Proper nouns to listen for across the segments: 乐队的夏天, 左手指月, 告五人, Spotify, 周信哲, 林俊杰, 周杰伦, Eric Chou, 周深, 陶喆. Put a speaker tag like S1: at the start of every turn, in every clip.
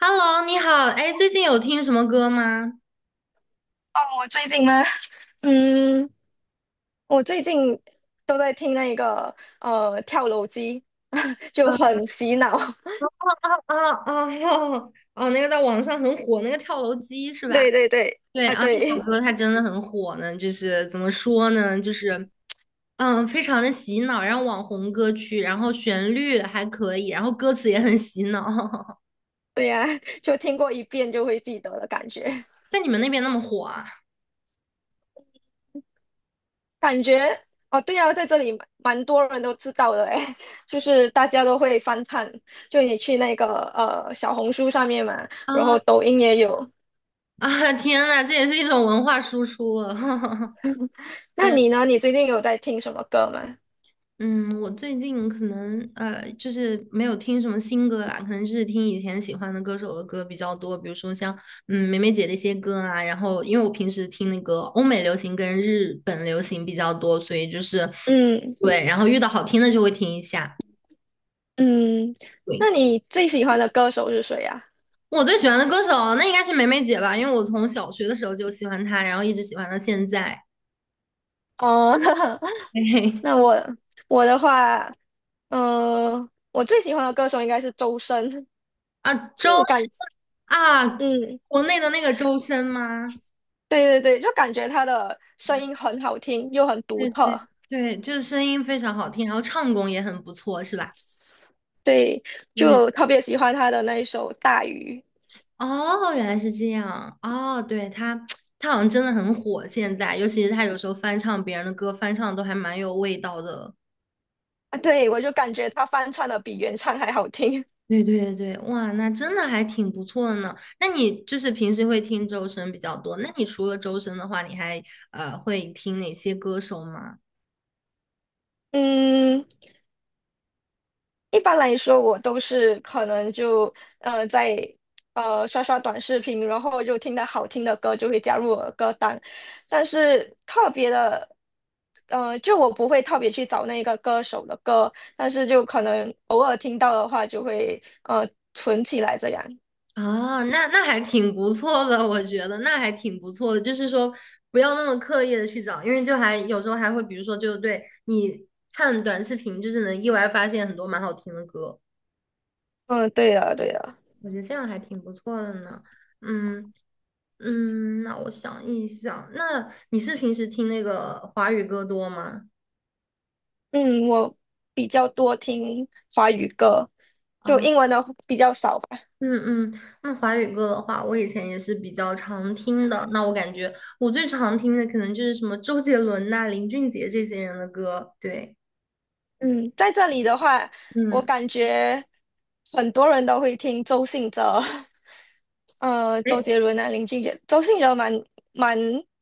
S1: Hello，你好，哎，最近有听什么歌吗？
S2: 哦，我最近吗？嗯，我最近都在听那个跳楼机，就
S1: 啊
S2: 很洗脑。
S1: 啊啊！哦哦，那个在网上很火，那个跳楼机是 吧？
S2: 对对对，
S1: 对
S2: 啊
S1: 啊，那首
S2: 对
S1: 歌它真的很火呢，就是怎么说呢，就是非常的洗脑，然后网红歌曲，然后旋律还可以，然后歌词也很洗脑，
S2: 对呀，就听过一遍就会记得的感觉。
S1: 在你们那边那么火啊？
S2: 感觉哦，对呀，在这里蛮多人都知道的诶，就是大家都会翻唱。就你去那个小红书上面嘛，然
S1: 啊
S2: 后抖音也有。
S1: 啊！天呐，这也是一种文化输出啊！
S2: 那
S1: 天
S2: 你呢？你最近有在听什么歌吗？
S1: 嗯，我最近可能就是没有听什么新歌啦，可能就是听以前喜欢的歌手的歌比较多，比如说像梅梅姐的一些歌啊，然后因为我平时听那个欧美流行跟日本流行比较多，所以就是
S2: 嗯
S1: 对，然后遇到好听的就会听一下。
S2: 嗯，
S1: 对，
S2: 那你最喜欢的歌手是谁呀？
S1: 我最喜欢的歌手那应该是梅梅姐吧，因为我从小学的时候就喜欢她，然后一直喜欢到现在。
S2: 哦，那
S1: 嘿嘿，
S2: 那我的话，我最喜欢的歌手应该是周深，
S1: 啊，周
S2: 就
S1: 深
S2: 感，
S1: 啊，
S2: 嗯，
S1: 国内的那个周深吗？
S2: 对对对，就感觉他的声音很好听，又很独
S1: 对对
S2: 特，
S1: 对，就是声音非常好听，然后唱功也很不错，是吧？
S2: 对，
S1: 对，
S2: 就特别喜欢他的那一首《大鱼》。
S1: 哦，原来是这样，哦，对，他，他好像真的很火，现在，尤其是他有时候翻唱别人的歌，翻唱得都还蛮有味道的。
S2: 啊，对，我就感觉他翻唱的比原唱还好听，
S1: 对对对，哇，那真的还挺不错的呢。那你就是平时会听周深比较多，那你除了周深的话，你还会听哪些歌手吗？
S2: 嗯。一般来说，我都是可能就在刷刷短视频，然后就听到好听的歌就会加入我的歌单，但是特别的，就我不会特别去找那个歌手的歌，但是就可能偶尔听到的话就会存起来这样。
S1: 啊，那还挺不错的，我觉得那还挺不错的，就是说不要那么刻意的去找，因为就还有时候还会，比如说就对你看短视频，就是能意外发现很多蛮好听的歌，
S2: 嗯，对的，对的。
S1: 我觉得这样还挺不错的呢。嗯嗯，那我想一想，那你是平时听那个华语歌多吗？
S2: 嗯，我比较多听华语歌，就
S1: 啊。
S2: 英文的比较少吧。
S1: 嗯嗯，那华语歌的话，我以前也是比较常听的。那我感觉我最常听的可能就是什么周杰伦呐、林俊杰这些人的歌。对，
S2: 嗯，在这里的话，我
S1: 嗯，
S2: 感觉很多人都会听周信哲，周
S1: 哎，
S2: 杰伦啊，林俊杰，周信哲蛮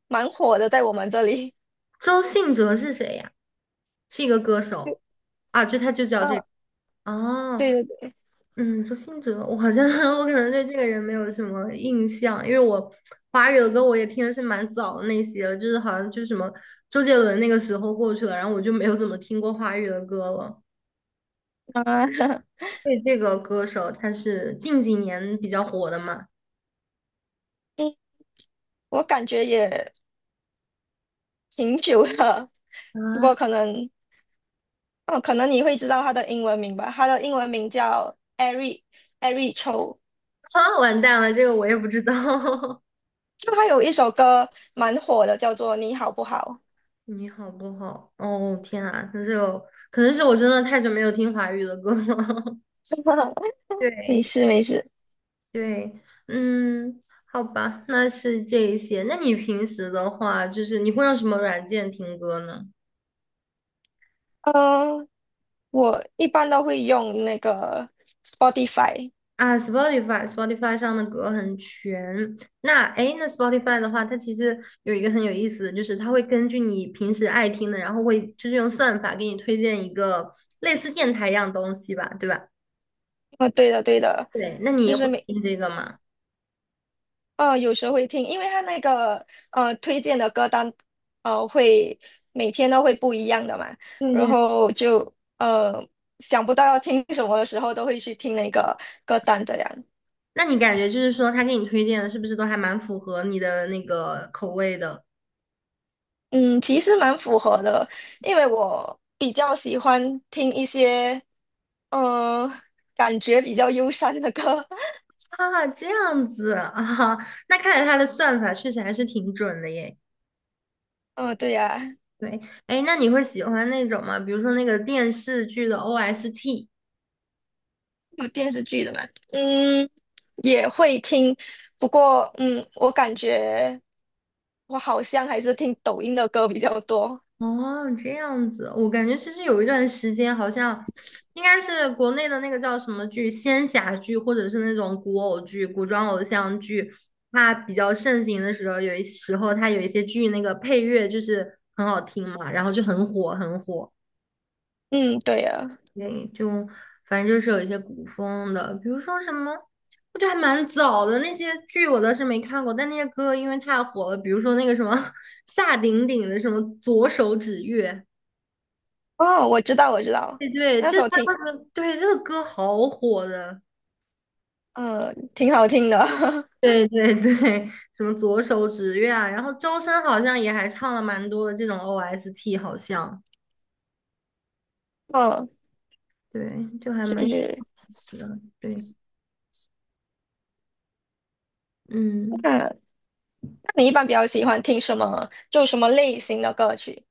S2: 蛮火的，在我们这里。
S1: 周信哲是谁呀？是一个歌手啊，就他就叫这
S2: 嗯，
S1: 个。哦，
S2: 对对对，
S1: 嗯，周信哲，我好像 我可能对这个人没有什么印象，因为我华语的歌我也听的是蛮早的那些了就是好像就是什么周杰伦那个时候过去了，然后我就没有怎么听过华语的歌了。
S2: 啊，
S1: 对，这个歌手他是近几年比较火的嘛？
S2: 嗯，我感觉也挺久了，不
S1: 啊，
S2: 过可能，哦，可能你会知道他的英文名吧？他的英文名叫 Eric Chou，
S1: 啊，完蛋了，这个我也不知道。
S2: 就他有一首歌蛮火的，叫做《你好不好》。
S1: 你好不好？哦，天啊，那这个可能是我真的太久没有听华语的歌了。
S2: 没
S1: 对
S2: 事没事，
S1: 对，嗯，好吧，那是这一些。那你平时的话，就是你会用什么软件听歌呢？
S2: 嗯、我一般都会用那个 Spotify。
S1: 啊，Spotify，Spotify 上的歌很全。那哎诶，那 Spotify 的话，它其实有一个很有意思的就是它会根据你平时爱听的，然后会就是用算法给你推荐一个类似电台一样东西吧，对吧？
S2: 对的，对的，
S1: 对，那你
S2: 就
S1: 也会
S2: 是
S1: 听这个吗？
S2: 有时候会听，因为它那个推荐的歌单会每天都会不一样的嘛，
S1: 对
S2: 然
S1: 对。
S2: 后就想不到要听什么的时候，都会去听那个歌单这样。
S1: 那你感觉就是说，他给你推荐的是不是都还蛮符合你的那个口味的
S2: 嗯，其实蛮符合的，因为我比较喜欢听一些呃感觉比较忧伤的歌。
S1: 啊？这样子啊，那看来他的算法确实还是挺准的耶。
S2: 嗯、对呀，
S1: 对，哎，那你会喜欢那种吗？比如说那个电视剧的 OST。
S2: 有电视剧的吗？嗯，也会听，不过我感觉我好像还是听抖音的歌比较多
S1: 哦，这样子，我感觉其实有一段时间好像应该是国内的那个叫什么剧，仙侠剧，或者是那种古偶剧、古装偶像剧，它比较盛行的时候，有一时候它有一些剧那个配乐就是很好听嘛，然后就很火，很火。
S2: 嗯，对呀。
S1: 对，就反正就是有一些古风的，比如说什么，我觉得还蛮早的那些剧我倒是没看过，但那些歌因为太火了，比如说那个什么 夏鼎鼎的什么《左手指月》，
S2: 哦，我知道，我知道，
S1: 对对，
S2: 那
S1: 就他
S2: 首挺
S1: 那个，对这个歌好火的，
S2: 呃挺好听的。
S1: 对对对，什么《左手指月》啊，然后周深好像也还唱了蛮多的这种 OST，好像
S2: 嗯，
S1: 对，就还蛮
S2: 是
S1: 有意
S2: 是。
S1: 思的，对，嗯。
S2: 那你一般比较喜欢听什么？就什么类型的歌曲？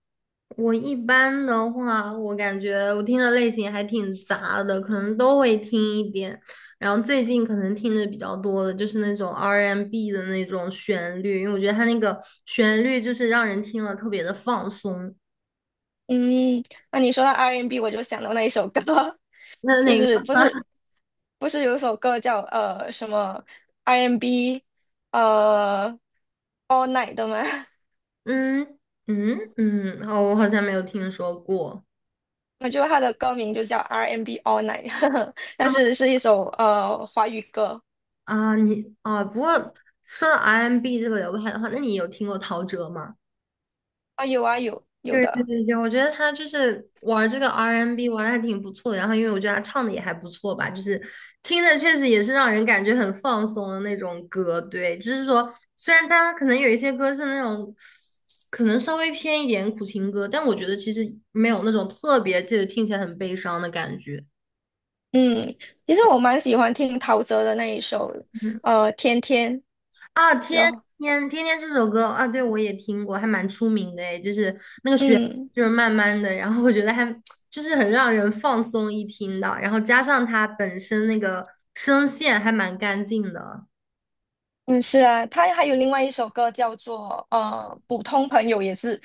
S1: 我一般的话，我感觉我听的类型还挺杂的，可能都会听一点。然后最近可能听的比较多的就是那种 R&B 的那种旋律，因为我觉得它那个旋律就是让人听了特别的放松。
S2: 嗯，那你说到 R&B，我就想到那一首歌，
S1: 那
S2: 就
S1: 那
S2: 是
S1: 个，
S2: 不是有首歌叫什么 R&B 呃 All Night 的吗？
S1: 嗯嗯嗯，哦，我好像没有听说过
S2: 我觉得它的歌名就叫 R&B All Night，但
S1: 啊。
S2: 是是一首华语歌。
S1: 啊你啊，不过说到 R&B 这个流派的话，那你有听过陶喆吗？
S2: 啊，有啊有
S1: 对对
S2: 的，
S1: 对对，我觉得他就是玩这个 R&B 玩的还挺不错的，然后因为我觉得他唱的也还不错吧，就是听着确实也是让人感觉很放松的那种歌。对，就是说虽然他可能有一些歌是那种可能稍微偏一点苦情歌，但我觉得其实没有那种特别就是听起来很悲伤的感觉。
S2: 嗯，其实我蛮喜欢听陶喆的那一首
S1: 嗯
S2: 天天，
S1: 啊，天
S2: 然后
S1: 天天天这首歌啊，对我也听过，还蛮出名的诶，就是
S2: 嗯。
S1: 就是慢慢的，然后我觉得还就是很让人放松一听的，然后加上他本身那个声线还蛮干净的
S2: 嗯，是啊，他还有另外一首歌叫做《普通朋友》，也是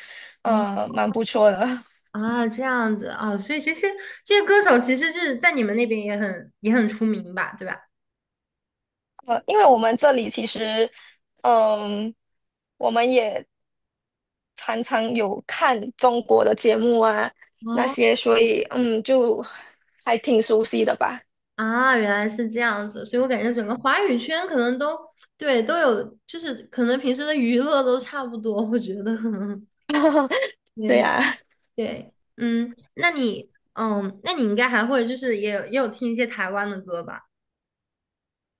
S1: 啊
S2: 蛮不错的。
S1: 啊，这样子啊，所以这些歌手其实就是在你们那边也很出名吧，对吧？
S2: 因为我们这里其实，嗯、我们也常常有看中国的节目啊那
S1: 哦
S2: 些，所以就还挺熟悉的吧。
S1: 啊，原来是这样子，所以我感觉整个华语圈可能都对都有，就是可能平时的娱乐都差不多，我觉得，
S2: 对
S1: 对
S2: 呀。
S1: 对，嗯，那你应该还会就是也有听一些台湾的歌吧？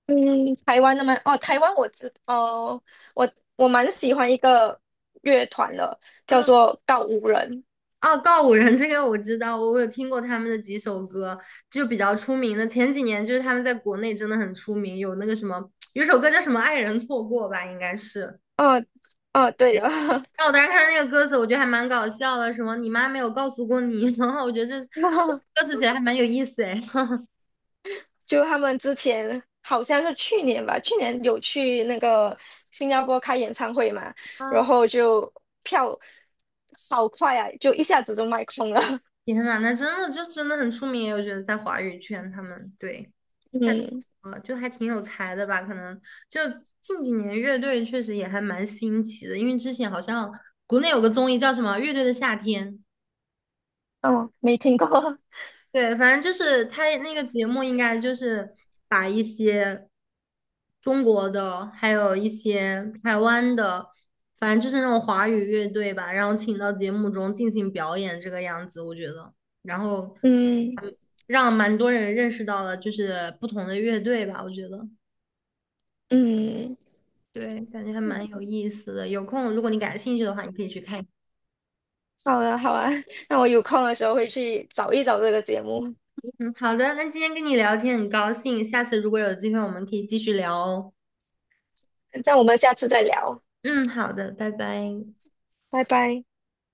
S2: 嗯，台湾的吗？哦，台湾我知，哦，我我蛮喜欢一个乐团的，叫
S1: 啊
S2: 做告五人。
S1: 啊，告五人这个我知道，我有听过他们的几首歌，就比较出名的。前几年就是他们在国内真的很出名，有那个什么，有一首歌叫什么“爱人错过”吧，应该是。
S2: 哦哦，对的。
S1: 但我当时看那个歌词，我觉得还蛮搞笑的，什么“你妈没有告诉过你”，然后我觉得这 歌词写的还蛮有意思哎。
S2: 就他们之前好像是去年吧，去年有去那个新加坡开演唱会嘛，然
S1: 啊
S2: 后就票好快啊，就一下子就卖空了。
S1: 天呐，那真的就真的很出名，我觉得在华语圈他们对。太
S2: 嗯，
S1: 就还挺有才的吧？可能就近几年乐队确实也还蛮新奇的，因为之前好像国内有个综艺叫什么《乐队的夏天》，
S2: 哦，没听过。
S1: 对，反正就是他那个节目应该就是把一些中国的，还有一些台湾的，反正就是那种华语乐队吧，然后请到节目中进行表演这个样子，我觉得，然后
S2: 嗯
S1: 嗯让蛮多人认识到了就是不同的乐队吧，我觉得。
S2: 嗯，
S1: 对，感觉还蛮有意思的。有空，如果你感兴趣的话，你可以去看一
S2: 好啊好啊，那我有空的时候会去找一找这个节目。
S1: 看。嗯，好的，那今天跟你聊天很高兴，下次如果有机会，我们可以继续聊哦。
S2: 那我们下次再聊，
S1: 嗯，好的，拜拜。
S2: 拜拜。